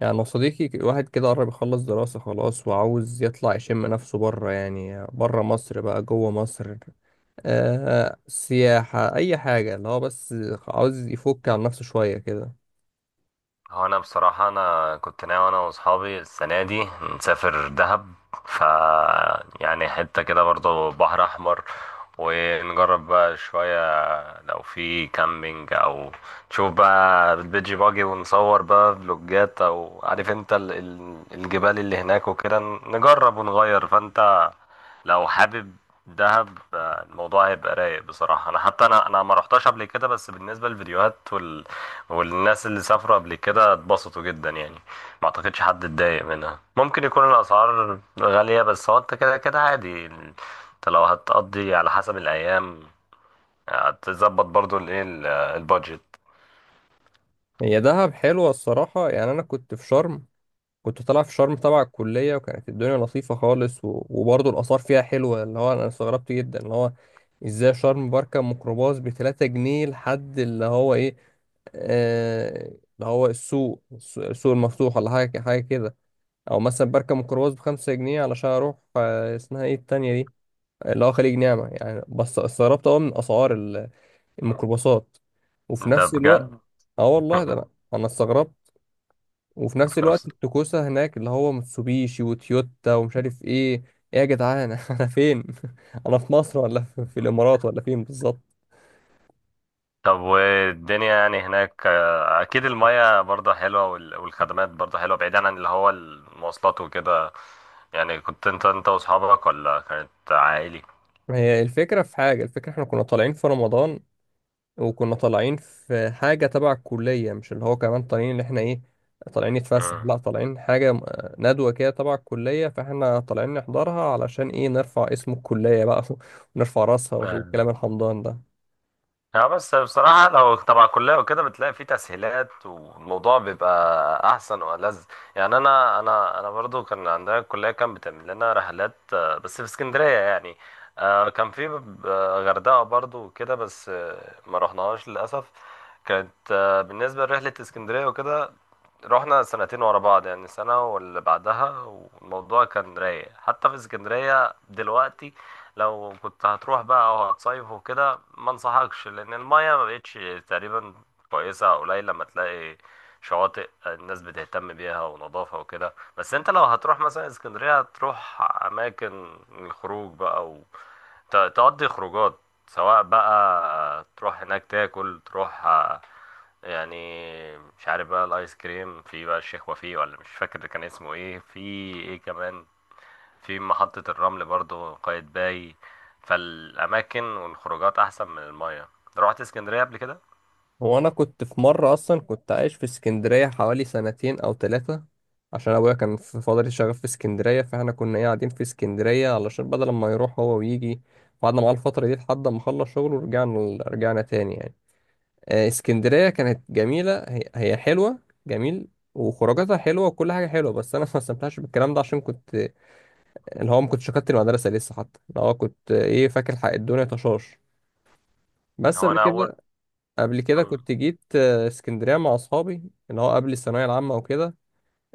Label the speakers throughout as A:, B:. A: يعني أنا صديقي واحد كده قرب يخلص دراسة خلاص، وعاوز يطلع يشم نفسه بره، يعني بره مصر بقى جوه مصر. آه، سياحة أي حاجة، اللي هو بس عاوز يفك عن نفسه شوية كده.
B: هو انا بصراحة كنت ناوي انا واصحابي السنة دي نسافر دهب. ف يعني حتة كده برضو بحر احمر، ونجرب بقى شوية لو في كامبينج او نشوف بقى البيجي باجي ونصور بقى فلوجات، او عارف انت الجبال اللي هناك وكده. نجرب ونغير فانت لو حابب. دهب الموضوع هيبقى رايق بصراحة، انا حتى انا ما رحتش قبل كده، بس بالنسبة للفيديوهات والناس اللي سافروا قبل كده اتبسطوا جدا يعني، ما اعتقدش حد اتضايق منها. ممكن يكون الاسعار غالية، بس هو انت كده كده عادي، انت لو هتقضي على حسب الايام هتظبط برضو الايه البادجت.
A: هي دهب حلوة الصراحة. يعني أنا كنت في شرم، كنت طالع في شرم تبع الكلية، وكانت الدنيا لطيفة خالص و... وبرضه الآثار فيها حلوة. اللي هو أنا استغربت جدا، اللي هو إزاي شرم بركب ميكروباص بتلاتة جنيه لحد اللي هو إيه. آه، اللي هو السوق المفتوح ولا حاجة كده. أو مثلا بركب ميكروباص بخمسة جنيه علشان أروح، آه، اسمها إيه التانية دي، اللي هو خليج نعمة، يعني بس استغربت أوي من أسعار الميكروباصات. وفي
B: ده
A: نفس
B: بجد.
A: الوقت، اه والله ده أنا استغربت. وفي نفس
B: في
A: الوقت
B: نفس
A: التكوسة هناك، اللي هو متسوبيشي وتويوتا ومش عارف إيه. إيه يا جدعان، أنا فين؟ أنا في مصر ولا في الإمارات ولا فين بالظبط؟
B: طب والدنيا يعني هناك اكيد المياه برضه حلوة والخدمات برضه حلوة بعيدا عن اللي هو المواصلات وكده. يعني كنت انت واصحابك ولا كانت عائلي؟
A: هي الفكرة في حاجة، الفكرة احنا كنا طالعين في رمضان، وكنا طالعين في حاجة تبع الكلية، مش اللي هو كمان طالعين اللي احنا ايه، طالعين نتفسح. لا، طالعين ندوة كده تبع الكلية، فاحنا طالعين نحضرها علشان ايه، نرفع اسم الكلية بقى. ونرفع راسها
B: مم.
A: والكلام الحمضان ده.
B: اه بس بصراحة لو تبع كلية وكده بتلاقي فيه تسهيلات والموضوع بيبقى أحسن وألذ. يعني أنا برضو كان عندنا الكلية كان بتعمل لنا رحلات، بس في اسكندرية يعني. كان في غردقة برضو وكده، بس ما رحناهاش للأسف. كانت بالنسبة لرحلة اسكندرية وكده، رحنا سنتين ورا بعض، يعني سنة واللي بعدها، والموضوع كان رايق. حتى في اسكندرية دلوقتي لو كنت هتروح بقى او هتصيف وكده ما انصحكش، لان المايه ما بقتش تقريبا كويسه، او قليل لما تلاقي شواطئ الناس بتهتم بيها ونظافه وكده. بس انت لو هتروح مثلا اسكندريه هتروح اماكن الخروج بقى تقضي خروجات، سواء بقى تروح هناك تاكل، تروح يعني، مش عارف بقى الايس كريم في بقى الشيخ وفيه، ولا مش فاكر كان اسمه ايه في. ايه كمان، في محطة الرمل برضو قايتباي. فالأماكن والخروجات أحسن من المية. روحت اسكندرية قبل كده؟
A: هو انا كنت في مرة اصلا كنت عايش في اسكندرية حوالي سنتين او ثلاثة، عشان ابويا كان في فترة شغال في اسكندرية، فاحنا كنا ايه قاعدين في اسكندرية علشان بدل ما يروح هو ويجي، قعدنا معاه الفترة دي لحد ما خلص شغله، ورجعنا تاني يعني. آه، اسكندرية كانت جميلة، هي حلوة، جميل. وخروجاتها حلوة وكل حاجة حلوة، بس أنا ما استمتعتش بالكلام ده عشان كنت اللي هو ما كنتش شكلت المدرسة لسه، حتى اللي هو كنت، آه، إيه، فاكر حق الدنيا طشاش. بس
B: هو
A: قبل
B: أنا أول
A: كده، قبل كده كنت جيت، آه، اسكندرية مع أصحابي، اللي هو قبل الثانوية العامة وكده.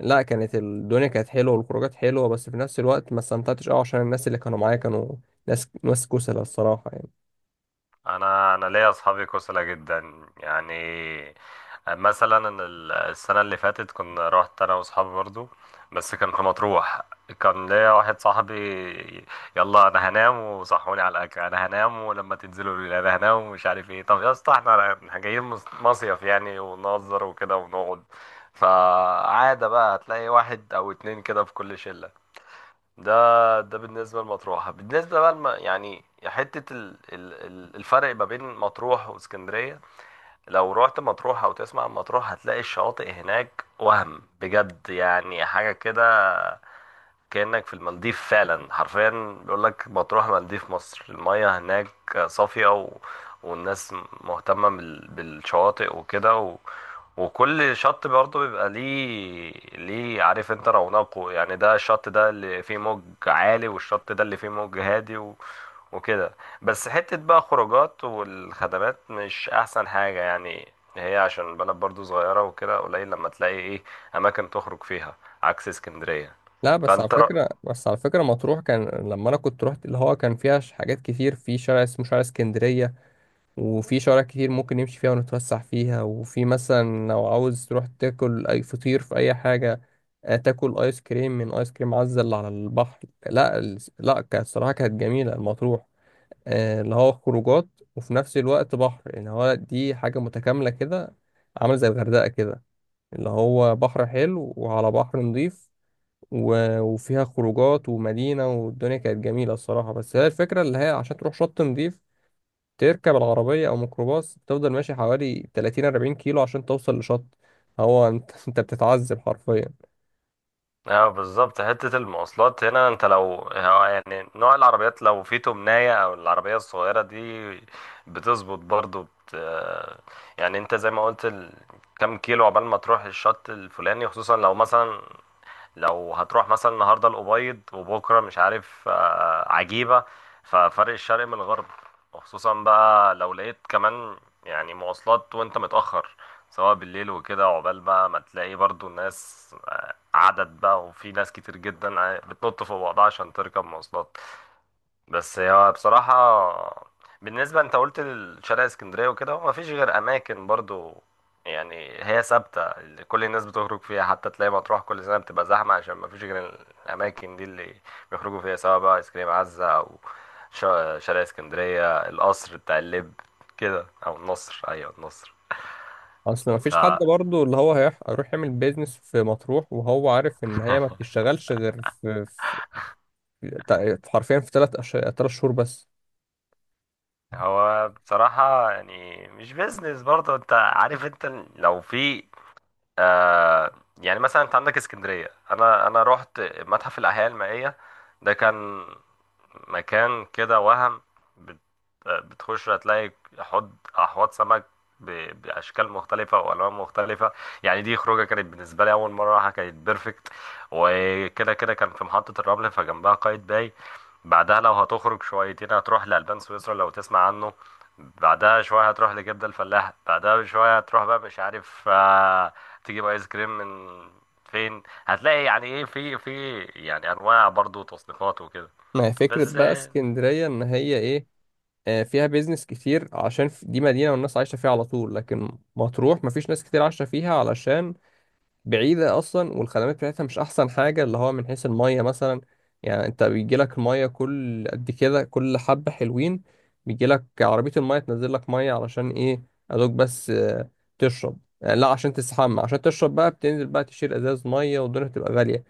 A: لا، كانت الدنيا كانت حلوة والخروجات حلوة، بس في نفس الوقت ما استمتعتش أوي عشان الناس اللي كانوا معايا كانوا ناس كسلة الصراحة يعني.
B: انا ليا اصحابي كسلة جدا يعني. مثلا أنا السنه اللي فاتت كنا رحت انا واصحابي برضو، بس كان في مطروح. كان ليا واحد صاحبي، يلا انا هنام وصحوني على الاكل، انا هنام ولما تنزلوا قولوا لي، انا هنام ومش عارف ايه. طب يا اسطى احنا جايين مصيف يعني، ونهزر وكده ونقعد. فعادة بقى هتلاقي واحد او اتنين كده في كل شلة. ده بالنسبة لمطروح. بالنسبة بقى يعني حتة الفرق ما بين مطروح واسكندرية، لو رحت مطروح أو تسمع عن مطروح هتلاقي الشواطئ هناك وهم بجد، يعني حاجة كده كأنك في المالديف فعلا حرفيا. بيقول لك مطروح مالديف مصر. المياه هناك صافية والناس مهتمة بالشواطئ وكده، وكل شط برضه بيبقى ليه عارف انت رونقه، يعني ده الشط ده اللي فيه موج عالي، والشط ده اللي فيه موج هادي وكده. بس حتة بقى خروجات والخدمات مش أحسن حاجة يعني، هي عشان البلد برضو صغيرة وكده قليل لما تلاقي ايه أماكن تخرج فيها، عكس اسكندرية.
A: لا بس على
B: فأنت رأ...
A: فكرة، بس على فكرة مطروح كان لما أنا كنت روحت، اللي هو كان فيها حاجات كتير في شارع اسمه شارع اسكندرية، وفي شوارع كتير ممكن نمشي فيها ونتوسع فيها، وفي مثلا لو عاوز تروح تاكل أي فطير في أي حاجة، آه، تاكل آيس كريم من آيس كريم عزة اللي على البحر. لا كانت الصراحة كانت جميلة المطروح. آه، اللي هو خروجات، وفي نفس الوقت بحر، اللي هو دي حاجة متكاملة كده، عامل زي الغردقة كده، اللي هو بحر حلو وعلى بحر نضيف، و- وفيها خروجات ومدينة، والدنيا كانت جميلة الصراحة. بس هي الفكرة اللي هي عشان تروح شط نضيف، تركب العربية أو ميكروباص تفضل ماشي حوالي 30 40 كيلو عشان توصل لشط. هو أنت أنت بتتعذب حرفيا.
B: اه بالظبط، حتة المواصلات هنا انت لو يعني نوع العربيات لو في تمناية او العربية الصغيرة دي بتظبط برضو. يعني انت زي ما قلت، كم كيلو عقبال ما تروح الشط الفلاني، خصوصا لو مثلا لو هتروح مثلا النهارده الأبيض وبكره مش عارف عجيبة. ففرق الشرق من الغرب. وخصوصا بقى لو لقيت كمان يعني مواصلات وانت متأخر سواء بالليل وكده، عقبال بقى ما تلاقي برضو الناس عدد بقى، وفي ناس كتير جدا بتنط فوق بعضها عشان تركب مواصلات. بس هو بصراحة، بالنسبة انت قلت لشارع اسكندرية وكده، هو مفيش غير أماكن برضو يعني هي ثابتة اللي كل الناس بتخرج فيها. حتى تلاقي مطروح كل سنة بتبقى زحمة عشان مفيش غير الأماكن دي اللي بيخرجوا فيها، سواء بقى ايس كريم عزة، أو شارع اسكندرية، القصر بتاع اللب كده، أو النصر. أيوة النصر.
A: أصل
B: ف
A: مفيش حد برضه اللي هو هيروح يعمل بيزنس في مطروح وهو عارف إن هي ما بتشتغلش غير في حرفيا في تلات شهور بس.
B: هو بصراحة يعني مش بيزنس برضه، انت عارف انت لو في آه يعني مثلا انت عندك اسكندريه، انا رحت متحف الاحياء المائيه، ده كان مكان كده وهم بت- بتخش هتلاقي احواض سمك باشكال مختلفه والوان مختلفه. يعني دي خروجه كانت بالنسبه لي اول مره راحه، كانت بيرفكت. وكده كده كان في محطه الرمل فجنبها قايد باي، بعدها لو هتخرج شويتين هتروح لألبان سويسرا لو تسمع عنه، بعدها شوية هتروح لجدة الفلاح، بعدها بشوية هتروح بقى مش عارف تجيب ايس كريم من فين، هتلاقي يعني ايه في يعني انواع برضو تصنيفات وكده.
A: ما هي فكرة
B: بس
A: بقى
B: ايه،
A: اسكندرية إن هي إيه، آه، فيها بيزنس كتير عشان دي مدينة والناس عايشة فيها على طول. لكن مطروح مفيش ناس كتير عايشة فيها علشان بعيدة أصلا، والخدمات بتاعتها مش أحسن حاجة، اللي هو من حيث المية مثلا. يعني أنت بيجيلك المية كل قد كده كل حبة حلوين، بيجيلك عربية المية تنزل لك مية علشان إيه، أدوك بس، آه، تشرب. آه، لا، عشان تستحمى، عشان تشرب بقى بتنزل بقى تشيل ازاز ميه، والدنيا بتبقى غاليه.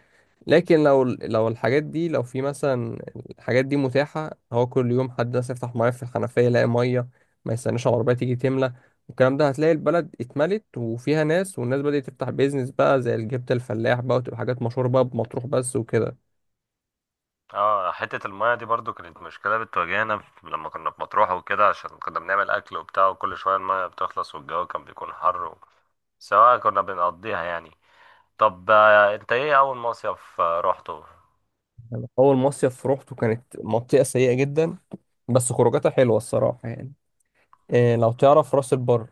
A: لكن لو، لو الحاجات دي، لو في مثلا الحاجات دي متاحة، هو كل يوم حد مثلا يفتح ميه في الحنفية يلاقي ميه، ما يستناش العربية تيجي تملى، والكلام ده هتلاقي البلد اتملت وفيها ناس، والناس بدأت تفتح بيزنس بقى زي الجبت الفلاح بقى، وتبقى حاجات مشهورة بقى بمطروح بس وكده.
B: اه حتة المية دي برضو كانت مشكلة بتواجهنا لما كنا في مطروح وكده، عشان كنا بنعمل أكل وبتاع وكل شوية المية بتخلص والجو كان بيكون حر سواء كنا بنقضيها يعني. طب انت ايه أول مصيف روحته؟
A: يعني أول مصيف روحته كانت منطقة سيئة جدا، بس خروجاتها حلوة الصراحة يعني. إيه، لو تعرف راس البر،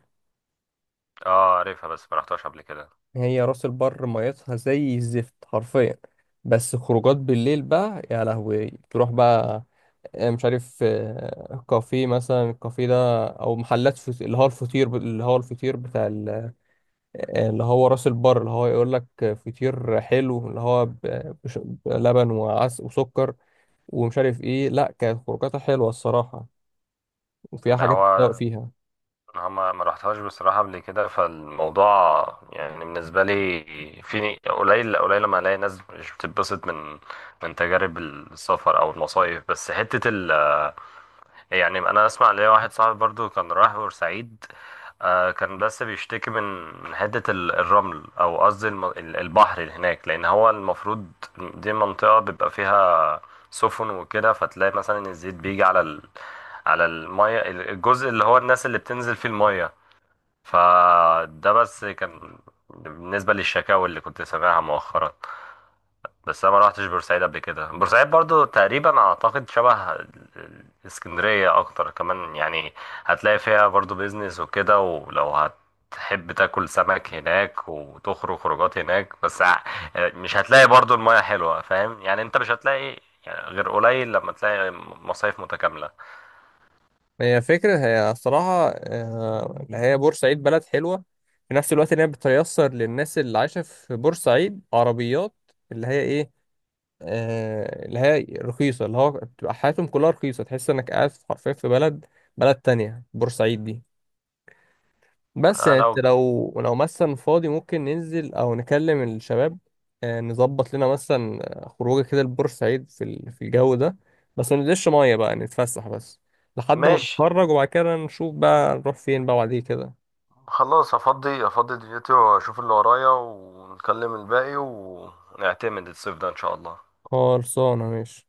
B: اه عارفها بس ما رحتهاش قبل كده.
A: هي راس البر ميتها زي الزفت حرفيا، بس خروجات بالليل بقى يا لهوي تروح بقى، آه، مش عارف، آه، كافيه مثلا، الكافيه ده او اللي هو الفطير، اللي هو الفطير بتاع ال... آه، اللي هو راس البر، اللي هو يقول لك فطير حلو، اللي هو بلبن وعس وسكر ومش عارف ايه. لا كانت خروجاتها حلوة الصراحة، وفيها
B: ان
A: حاجات
B: هو
A: تتذوق فيها.
B: أنا ما رحتهاش بصراحة قبل كده، فالموضوع يعني بالنسبة لي في قليل قليل لما الاقي ناس مش بتتبسط من من تجارب السفر او المصايف. بس حتة ال يعني انا اسمع، ليا واحد صاحبي برضو كان رايح بورسعيد، آه كان بس بيشتكي من من حته الرمل، او قصدي البحر اللي هناك، لان هو المفروض دي منطقه بيبقى فيها سفن وكده، فتلاقي مثلا الزيت بيجي على الميه الجزء اللي هو الناس اللي بتنزل فيه الميه. فده بس كان بالنسبه للشكاوى اللي كنت سامعها مؤخرا. بس انا ما روحتش بورسعيد قبل كده. بورسعيد برضو تقريبا اعتقد شبه اسكندرية اكتر كمان يعني. هتلاقي فيها برضو بيزنس وكده، ولو هتحب تاكل سمك هناك وتخرج خروجات هناك، بس مش هتلاقي برضو المياه حلوة، فاهم يعني، انت مش هتلاقي يعني غير قليل لما تلاقي مصايف متكاملة.
A: هي فكرة، هي الصراحة آه، اللي هي بورسعيد بلد حلوة، في نفس الوقت ان هي بتيسر للناس اللي عايشة في بورسعيد عربيات اللي هي ايه، آه، اللي هي رخيصة، اللي هو بتبقى حياتهم كلها رخيصة، تحس انك قاعد حرفيا في بلد، بلد تانية بورسعيد دي. بس
B: آه،
A: يعني انت
B: لو
A: لو، لو مثلا فاضي، ممكن ننزل او نكلم الشباب، آه، نظبط لنا مثلا، آه، خروجه كده لبورسعيد في في الجو ده، بس ما ننزلش مية بقى، نتفسح بس لحد ما
B: ماشي،
A: نتفرج، وبعد كده نشوف بقى نروح فين بقى بعديه كده.
B: خلاص افضي افضي دنيتي واشوف اللي ورايا، ونكلم الباقي ونعتمد الصيف ده ان شاء الله.
A: خلصانة ماشي.